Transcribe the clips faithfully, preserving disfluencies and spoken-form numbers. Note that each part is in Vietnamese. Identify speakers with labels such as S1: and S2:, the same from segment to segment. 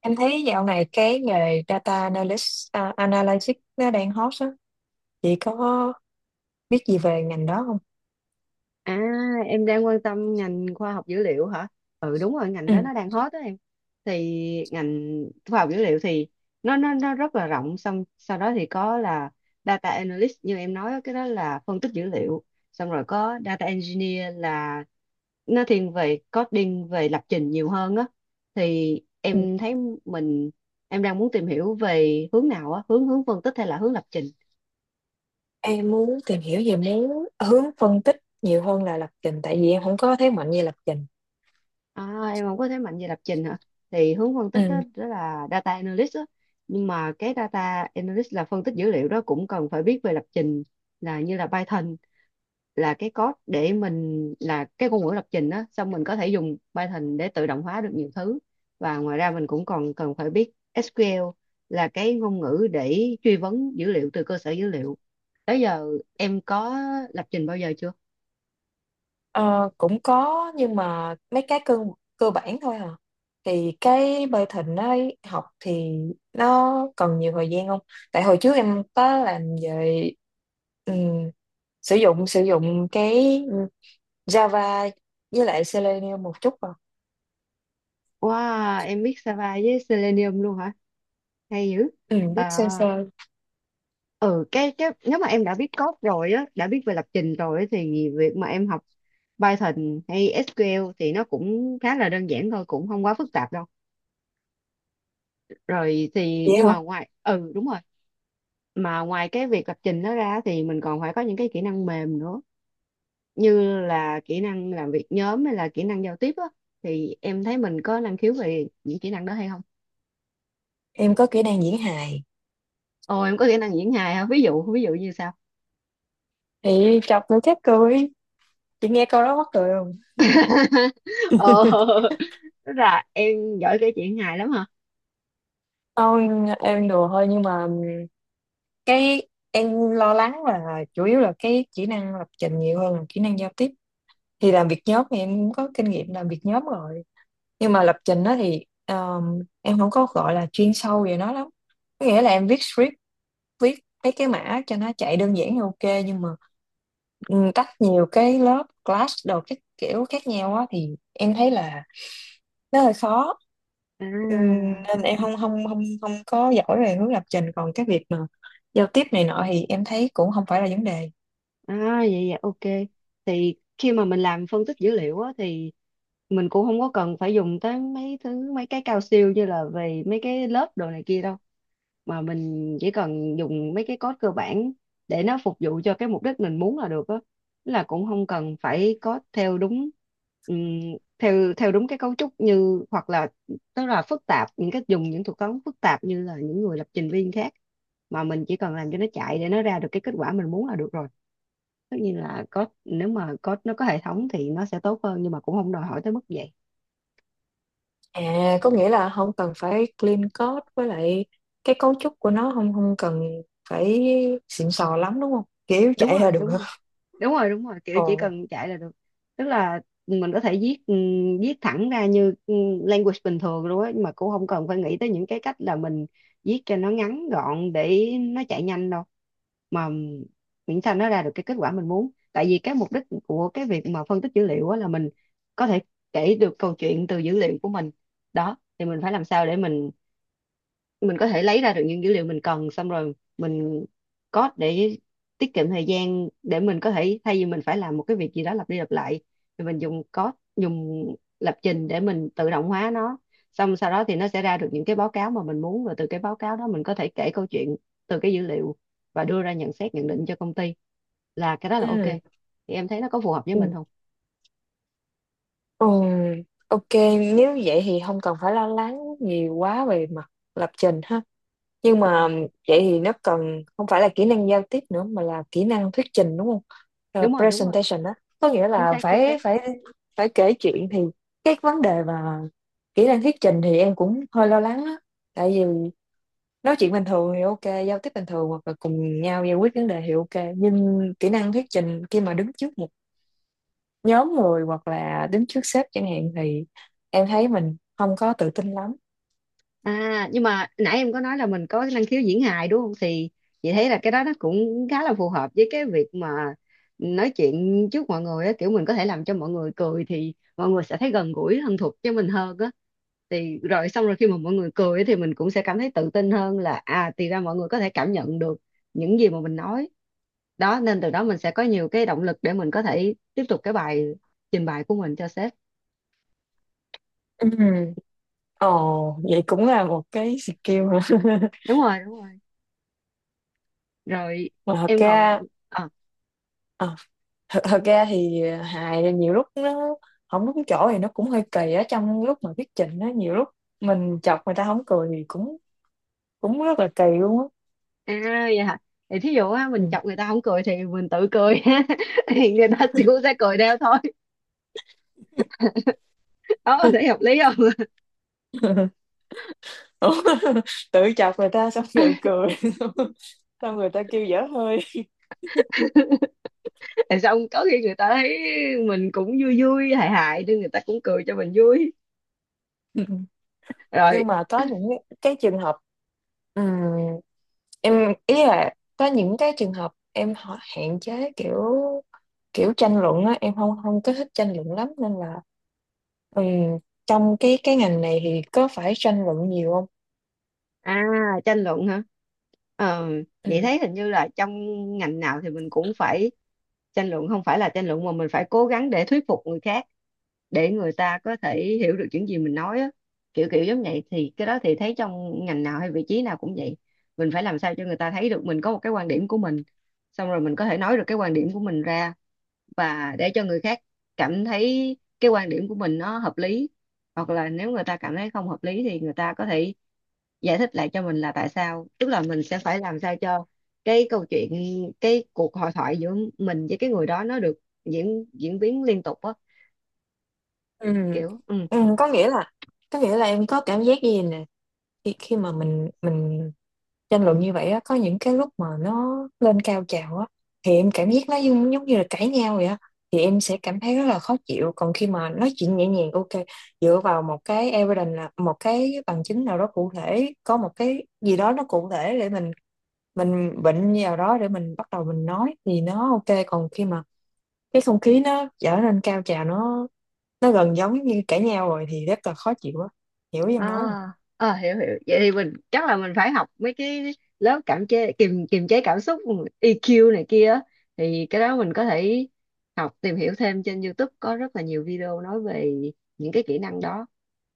S1: Em thấy dạo này cái nghề data analyst, à, analytics nó đang hot á. Chị có biết gì về ngành đó không?
S2: À, em đang quan tâm ngành khoa học dữ liệu hả? Ừ đúng rồi, ngành đó
S1: Ừ.
S2: nó đang hot đó em. Thì ngành khoa học dữ liệu thì nó nó nó rất là rộng, xong sau đó thì có là data analyst như em nói á, cái đó là phân tích dữ liệu. Xong rồi có data engineer là nó thiên về coding, về lập trình nhiều hơn á. Thì
S1: Ừ.
S2: em thấy mình em đang muốn tìm hiểu về hướng nào á, hướng hướng phân tích hay là hướng lập trình?
S1: Em muốn tìm hiểu về muốn hướng phân tích nhiều hơn là lập trình tại vì em không có thế mạnh về lập trình.
S2: À, em không có thế mạnh về lập trình hả? Thì hướng phân tích đó,
S1: Ừ.
S2: đó là data analyst đó. Nhưng mà cái data analyst là phân tích dữ liệu đó cũng cần phải biết về lập trình, là như là Python, là cái code để mình, là cái ngôn ngữ lập trình đó, xong mình có thể dùng Python để tự động hóa được nhiều thứ, và ngoài ra mình cũng còn cần phải biết ét qu u eo là cái ngôn ngữ để truy vấn dữ liệu từ cơ sở dữ liệu. Tới giờ em có lập trình bao giờ chưa?
S1: Ờ, cũng có nhưng mà mấy cái cơ cơ bản thôi à. Thì cái bơi thịnh ấy học thì nó cần nhiều thời gian không? Tại hồi trước em có làm về ừ, sử dụng sử dụng cái Java với lại Selenium một chút vào.
S2: Wow, em biết Sava với Selenium luôn hả? Hay dữ.
S1: Ừ, biết
S2: À,
S1: sơ sơ.
S2: ừ, cái, cái nếu mà em đã biết code rồi á, đã biết về lập trình rồi á, thì việc mà em học Python hay ét qu u eo thì nó cũng khá là đơn giản thôi, cũng không quá phức tạp đâu. Rồi thì
S1: Vậy
S2: nhưng
S1: hả?
S2: mà ngoài ừ đúng rồi, mà ngoài cái việc lập trình đó ra thì mình còn phải có những cái kỹ năng mềm nữa, như là kỹ năng làm việc nhóm hay là kỹ năng giao tiếp á, thì em thấy mình có năng khiếu về những kỹ năng đó hay không?
S1: Em có kỹ năng diễn hài,
S2: Ồ, em có kỹ năng diễn hài hả? Ví dụ ví dụ như sao?
S1: thì chọc nữa chết cười, chị nghe câu đó mắc cười không?
S2: Ờ, tức là em giỏi kể chuyện hài lắm hả.
S1: Thôi, em đùa thôi, nhưng mà cái em lo lắng là chủ yếu là cái kỹ năng lập trình nhiều hơn là kỹ năng giao tiếp. Thì làm việc nhóm thì em cũng có kinh nghiệm làm việc nhóm rồi, nhưng mà lập trình đó thì um, em không có gọi là chuyên sâu về nó lắm. Có nghĩa là em viết script, viết mấy cái mã cho nó chạy đơn giản thì ok, nhưng mà ừ, tách nhiều cái lớp class đồ các kiểu khác nhau á thì em thấy là nó hơi khó. Ừm,
S2: À,
S1: nên em không không không không có giỏi về hướng lập trình, còn cái việc mà giao tiếp này nọ thì em thấy cũng không phải là vấn đề.
S2: à vậy vậy ok, thì khi mà mình làm phân tích dữ liệu á thì mình cũng không có cần phải dùng tới mấy thứ mấy cái cao siêu như là về mấy cái lớp đồ này kia đâu, mà mình chỉ cần dùng mấy cái code cơ bản để nó phục vụ cho cái mục đích mình muốn là được á. Tức là cũng không cần phải code theo đúng ừm, theo theo đúng cái cấu trúc, như hoặc là tức là phức tạp, những cái dùng những thuật toán phức tạp như là những người lập trình viên khác, mà mình chỉ cần làm cho nó chạy để nó ra được cái kết quả mình muốn là được rồi. Tất nhiên là code, nếu mà code nó có hệ thống thì nó sẽ tốt hơn, nhưng mà cũng không đòi hỏi tới mức vậy.
S1: À, có nghĩa là không cần phải clean code, với lại cái cấu trúc của nó không không cần phải xịn sò lắm đúng không, kiểu
S2: đúng
S1: chạy là
S2: rồi
S1: được.
S2: đúng rồi đúng rồi đúng rồi kiểu chỉ
S1: Ồ.
S2: cần chạy là được. Tức là mình có thể viết ừm, viết thẳng ra như ừm, language bình thường luôn á, mà cũng không cần phải nghĩ tới những cái cách là mình viết cho nó ngắn gọn để nó chạy nhanh đâu, mà miễn sao nó ra được cái kết quả mình muốn. Tại vì cái mục đích của cái việc mà phân tích dữ liệu á là mình có thể kể được câu chuyện từ dữ liệu của mình. Đó, thì mình phải làm sao để mình mình có thể lấy ra được những dữ liệu mình cần, xong rồi mình code để tiết kiệm thời gian, để mình có thể thay vì mình phải làm một cái việc gì đó lặp đi lặp lại thì mình dùng code, dùng lập trình để mình tự động hóa nó, xong sau đó thì nó sẽ ra được những cái báo cáo mà mình muốn, và từ cái báo cáo đó mình có thể kể câu chuyện từ cái dữ liệu và đưa ra nhận xét nhận định cho công ty, là cái đó là ok.
S1: Ừ.
S2: Thì em thấy nó có phù hợp với mình
S1: Ừ.
S2: không?
S1: Ừ, ok, nếu vậy thì không cần phải lo lắng nhiều quá về mặt lập trình ha. Nhưng mà vậy thì nó cần không phải là kỹ năng giao tiếp nữa mà là kỹ năng thuyết trình đúng không? Ờ,
S2: Đúng rồi đúng rồi
S1: presentation á, có nghĩa
S2: chính
S1: là
S2: xác chính xác
S1: phải phải phải kể chuyện. Thì cái vấn đề mà kỹ năng thuyết trình thì em cũng hơi lo lắng á. Tại vì nói chuyện bình thường thì ok, giao tiếp bình thường hoặc là cùng nhau giải quyết vấn đề thì ok, nhưng kỹ năng thuyết trình khi mà đứng trước một nhóm người hoặc là đứng trước sếp chẳng hạn thì em thấy mình không có tự tin lắm.
S2: À, nhưng mà nãy em có nói là mình có cái năng khiếu diễn hài đúng không? Thì chị thấy là cái đó nó cũng khá là phù hợp với cái việc mà nói chuyện trước mọi người á, kiểu mình có thể làm cho mọi người cười thì mọi người sẽ thấy gần gũi thân thuộc với mình hơn á. Thì rồi xong rồi khi mà mọi người cười á thì mình cũng sẽ cảm thấy tự tin hơn, là à thì ra mọi người có thể cảm nhận được những gì mà mình nói. Đó nên từ đó mình sẽ có nhiều cái động lực để mình có thể tiếp tục cái bài trình bày của mình cho sếp.
S1: Ừ. Ồ, vậy cũng là một cái skill hả?
S2: Đúng rồi, đúng rồi. Rồi
S1: Mà thật
S2: em còn
S1: ra
S2: ờ
S1: ờ, thật, thật ra thì hài nhiều lúc nó không đúng chỗ thì nó cũng hơi kỳ á, trong lúc mà thuyết trình á nhiều lúc mình chọc người ta không cười thì cũng cũng rất là kỳ luôn á.
S2: à vậy hả? Thì thí dụ á,
S1: Ừ.
S2: mình chọc người ta không cười thì mình tự cười thì người ta cũng sẽ cười theo thôi. Đó, thấy hợp lý không?
S1: Ủa, tự chọc người ta xong tự cười xong người ta kêu dở hơi.
S2: Tại xong có khi người ta thấy mình cũng vui vui hài hài nên người ta cũng cười cho mình vui.
S1: Ừ.
S2: Rồi,
S1: Nhưng mà có những cái trường hợp, Ừm, em ý là có những cái trường hợp em họ hạn chế kiểu, kiểu tranh luận á, em không không có thích tranh luận lắm, nên là ừm, trong cái cái ngành này thì có phải tranh luận nhiều không?
S2: à, tranh luận hả? Ờ, vậy
S1: Ừm,
S2: thấy hình như là trong ngành nào thì mình cũng phải tranh luận, không phải là tranh luận mà mình phải cố gắng để thuyết phục người khác, để người ta có thể hiểu được những gì mình nói á. Kiểu kiểu giống vậy, thì cái đó thì thấy trong ngành nào hay vị trí nào cũng vậy. Mình phải làm sao cho người ta thấy được mình có một cái quan điểm của mình, xong rồi mình có thể nói được cái quan điểm của mình ra và để cho người khác cảm thấy cái quan điểm của mình nó hợp lý. Hoặc là nếu người ta cảm thấy không hợp lý thì người ta có thể giải thích lại cho mình là tại sao, tức là mình sẽ phải làm sao cho cái câu chuyện, cái cuộc hội thoại giữa mình với cái người đó nó được diễn diễn biến liên tục á,
S1: ừm,
S2: kiểu ừ.
S1: ừm, có nghĩa là, có nghĩa là em có cảm giác gì nè, khi khi mà mình mình tranh luận như vậy á, có những cái lúc mà nó lên cao trào á, thì em cảm giác nó giống, giống như là cãi nhau vậy á, thì em sẽ cảm thấy rất là khó chịu. Còn khi mà nói chuyện nhẹ nhàng ok, dựa vào một cái evidence là một cái bằng chứng nào đó cụ thể, có một cái gì đó nó cụ thể để mình mình bệnh vào đó để mình bắt đầu mình nói thì nó ok. Còn khi mà cái không khí nó trở nên cao trào, nó nó gần giống như cãi nhau rồi thì rất là khó chịu á. Hiểu ý em nói không?
S2: À, à, hiểu hiểu vậy thì mình chắc là mình phải học mấy cái lớp cảm chế kiềm kiềm chế cảm xúc e kiu này kia á. Thì cái đó mình có thể học, tìm hiểu thêm trên YouTube, có rất là nhiều video nói về những cái kỹ năng đó,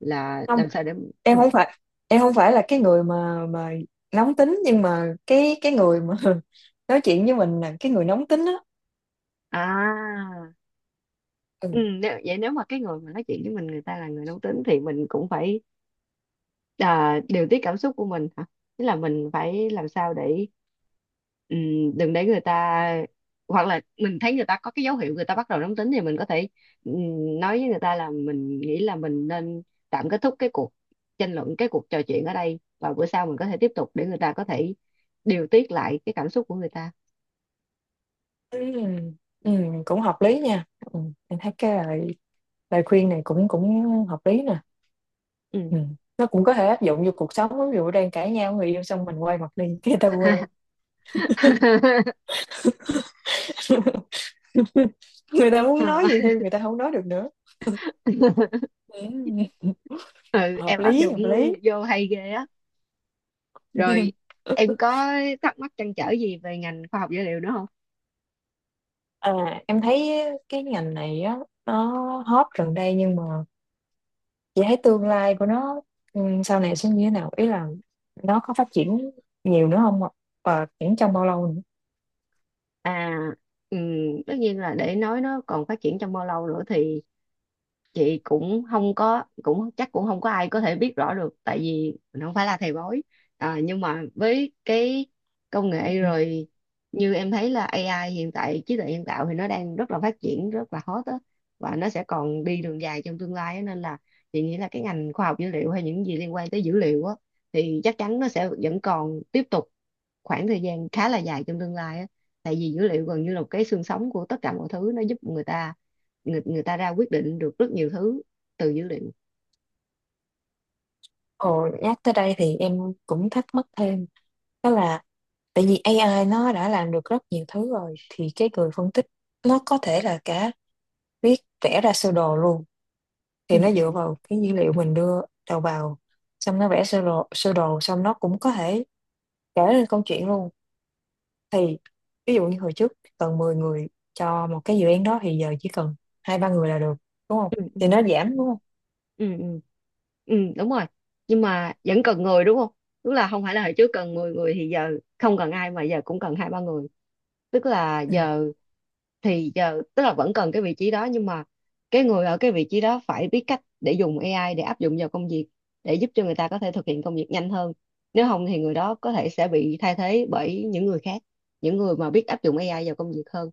S2: là làm sao để ừ.
S1: Em không phải, em không phải là cái người mà mà nóng tính, nhưng mà cái cái người mà nói chuyện với mình là cái người nóng tính á.
S2: À, ừ,
S1: Ừ.
S2: nếu, vậy nếu mà cái người mà nói chuyện với mình người ta là người nóng tính thì mình cũng phải à, điều tiết cảm xúc của mình hả? Tức là mình phải làm sao để ừ, đừng để người ta, hoặc là mình thấy người ta có cái dấu hiệu người ta bắt đầu nóng tính thì mình có thể ừ, nói với người ta là mình nghĩ là mình nên tạm kết thúc cái cuộc tranh luận, cái cuộc trò chuyện ở đây, và bữa sau mình có thể tiếp tục để người ta có thể điều tiết lại cái cảm xúc của người ta.
S1: Ừ. Ừ, cũng hợp lý nha. Ừ. Em thấy cái lời, lời khuyên này cũng cũng hợp lý nè.
S2: Ừ.
S1: Ừ. Nó cũng có thể áp dụng vô cuộc sống, ví dụ đang cãi nhau với người yêu xong mình quay mặt đi cái người ta quê người ta muốn
S2: Ờ.
S1: nói gì thêm người ta không nói được nữa. Ừ.
S2: Ừ,
S1: Hợp
S2: em áp
S1: lý,
S2: dụng
S1: hợp lý.
S2: vô hay ghê á. Rồi em có thắc mắc trăn trở gì về ngành khoa học dữ liệu nữa không?
S1: À, em thấy cái ngành này á nó hot gần đây, nhưng mà chị thấy tương lai của nó ừ, sau này sẽ như thế nào, ý là nó có phát triển nhiều nữa không ạ? Và triển trong bao lâu nữa?
S2: À, ừm, tất nhiên là để nói nó còn phát triển trong bao lâu nữa thì chị cũng không có, cũng chắc cũng không có ai có thể biết rõ được, tại vì mình không phải là thầy bói. À, nhưng mà với cái công nghệ
S1: Ừ.
S2: rồi như em thấy là a i hiện tại, trí tuệ nhân tạo, thì nó đang rất là phát triển, rất là hot á, và nó sẽ còn đi đường dài trong tương lai á. Nên là chị nghĩ là cái ngành khoa học dữ liệu hay những gì liên quan tới dữ liệu á thì chắc chắn nó sẽ vẫn còn tiếp tục khoảng thời gian khá là dài trong tương lai á, tại vì dữ liệu gần như là một cái xương sống của tất cả mọi thứ, nó giúp người ta, người người ta ra quyết định được rất nhiều thứ từ dữ liệu.
S1: Ồ, nhắc tới đây thì em cũng thắc mắc thêm, đó là tại vì a i nó đã làm được rất nhiều thứ rồi, thì cái người phân tích nó có thể là cả viết, vẽ ra sơ đồ luôn. Thì
S2: ừ
S1: nó
S2: ừ
S1: dựa vào cái dữ liệu mình đưa đầu vào, xong nó vẽ sơ đồ, sơ đồ xong nó cũng có thể kể lên câu chuyện luôn. Thì ví dụ như hồi trước cần mười người cho một cái dự án đó, thì giờ chỉ cần hai ba người là được, đúng không?
S2: ừ ừ
S1: Thì nó giảm đúng không?
S2: ừ ừ ừ Đúng rồi, nhưng mà vẫn cần người đúng không. Tức là không phải là hồi trước cần mười người thì giờ không cần ai, mà giờ cũng cần hai ba người. Tức là giờ, thì giờ tức là vẫn cần cái vị trí đó, nhưng mà cái người ở cái vị trí đó phải biết cách để dùng a i, để áp dụng vào công việc, để giúp cho người ta có thể thực hiện công việc nhanh hơn. Nếu không thì người đó có thể sẽ bị thay thế bởi những người khác, những người mà biết áp dụng a i vào công việc hơn.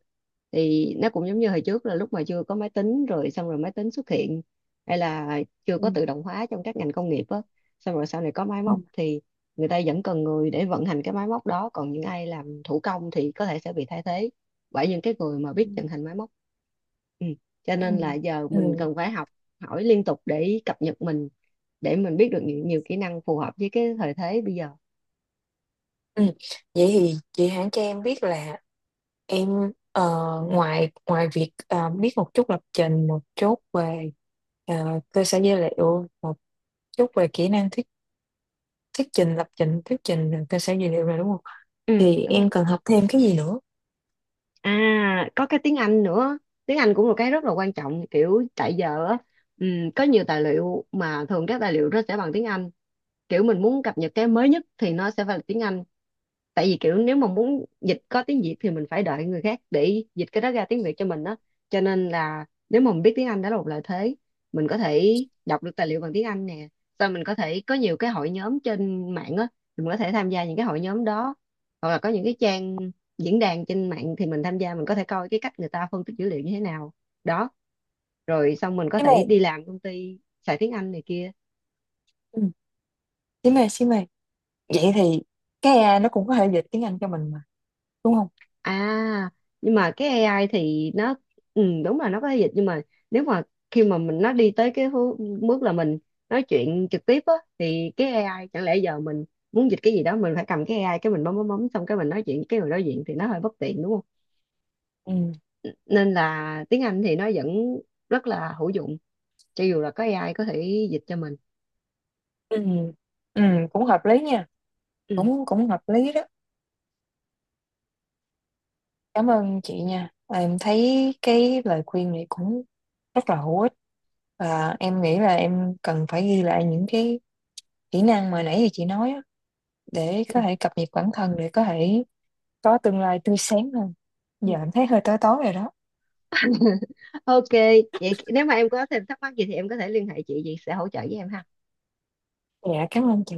S2: Thì nó cũng giống như hồi trước là lúc mà chưa có máy tính, rồi xong rồi máy tính xuất hiện, hay là chưa
S1: Ừ.
S2: có tự động hóa trong các ngành công nghiệp á, xong rồi sau này có máy
S1: Ừ.
S2: móc thì người ta vẫn cần người để vận hành cái máy móc đó, còn những ai làm thủ công thì có thể sẽ bị thay thế bởi những cái người mà
S1: Ừ.
S2: biết vận hành máy móc. Ừ. Cho
S1: Ừ.
S2: nên là giờ mình
S1: Ừ.
S2: cần phải học hỏi liên tục để cập nhật mình, để mình biết được nhiều, nhiều kỹ năng phù hợp với cái thời thế bây giờ.
S1: Ừ. Vậy thì chị hãng cho em biết là em ờ, ngoài ngoài việc ờ, biết một chút lập trình, một chút về ờ, cơ sở dữ liệu, một chút về kỹ năng thuyết thuyết trình, lập trình, thuyết trình, cơ sở dữ liệu rồi đúng không,
S2: Ừ
S1: thì
S2: đúng rồi,
S1: em cần học thêm cái gì nữa?
S2: à có cái tiếng Anh nữa. Tiếng Anh cũng là cái rất là quan trọng, kiểu tại giờ á, ừ, có nhiều tài liệu, mà thường các tài liệu nó sẽ bằng tiếng Anh, kiểu mình muốn cập nhật cái mới nhất thì nó sẽ phải là tiếng Anh. Tại vì kiểu nếu mà muốn dịch có tiếng Việt thì mình phải đợi người khác để dịch cái đó ra tiếng Việt cho mình đó. Cho nên là nếu mà mình biết tiếng Anh đó là một lợi thế, mình có thể đọc được tài liệu bằng tiếng Anh nè, sau mình có thể có nhiều cái hội nhóm trên mạng á, mình có thể tham gia những cái hội nhóm đó, hoặc là có những cái trang diễn đàn trên mạng thì mình tham gia, mình có thể coi cái cách người ta phân tích dữ liệu như thế nào. Đó rồi xong mình có
S1: Xí mê.
S2: thể đi làm công ty xài tiếng Anh này kia.
S1: Ừ. Xí mê, xí mê, vậy thì cái a i nó cũng có thể dịch tiếng Anh cho mình mà đúng không?
S2: À, nhưng mà cái a i thì nó ừ, đúng là nó có thể dịch, nhưng mà nếu mà khi mà mình nó đi tới cái hư- bước là mình nói chuyện trực tiếp á, thì cái a i chẳng lẽ giờ mình muốn dịch cái gì đó mình phải cầm cái a i cái mình bấm bấm bấm xong cái mình nói chuyện với cái người đối diện thì nó hơi bất tiện đúng không?
S1: Ừ.
S2: Nên là tiếng Anh thì nó vẫn rất là hữu dụng cho dù là có a i có thể dịch cho mình.
S1: Ừ. Ừ, cũng hợp lý nha.
S2: Ừ.
S1: Cũng cũng hợp lý đó. Cảm ơn chị nha. Và em thấy cái lời khuyên này cũng rất là hữu ích, và em nghĩ là em cần phải ghi lại những cái kỹ năng mà nãy giờ chị nói á, để
S2: Ừ.
S1: có thể cập nhật bản thân, để có thể có tương lai tươi sáng hơn.
S2: ừ.
S1: Giờ em thấy hơi tối tối rồi đó.
S2: Ok, vậy nếu mà em có thêm thắc mắc gì thì em có thể liên hệ chị, chị sẽ hỗ trợ với em ha.
S1: Dạ cảm ơn chị.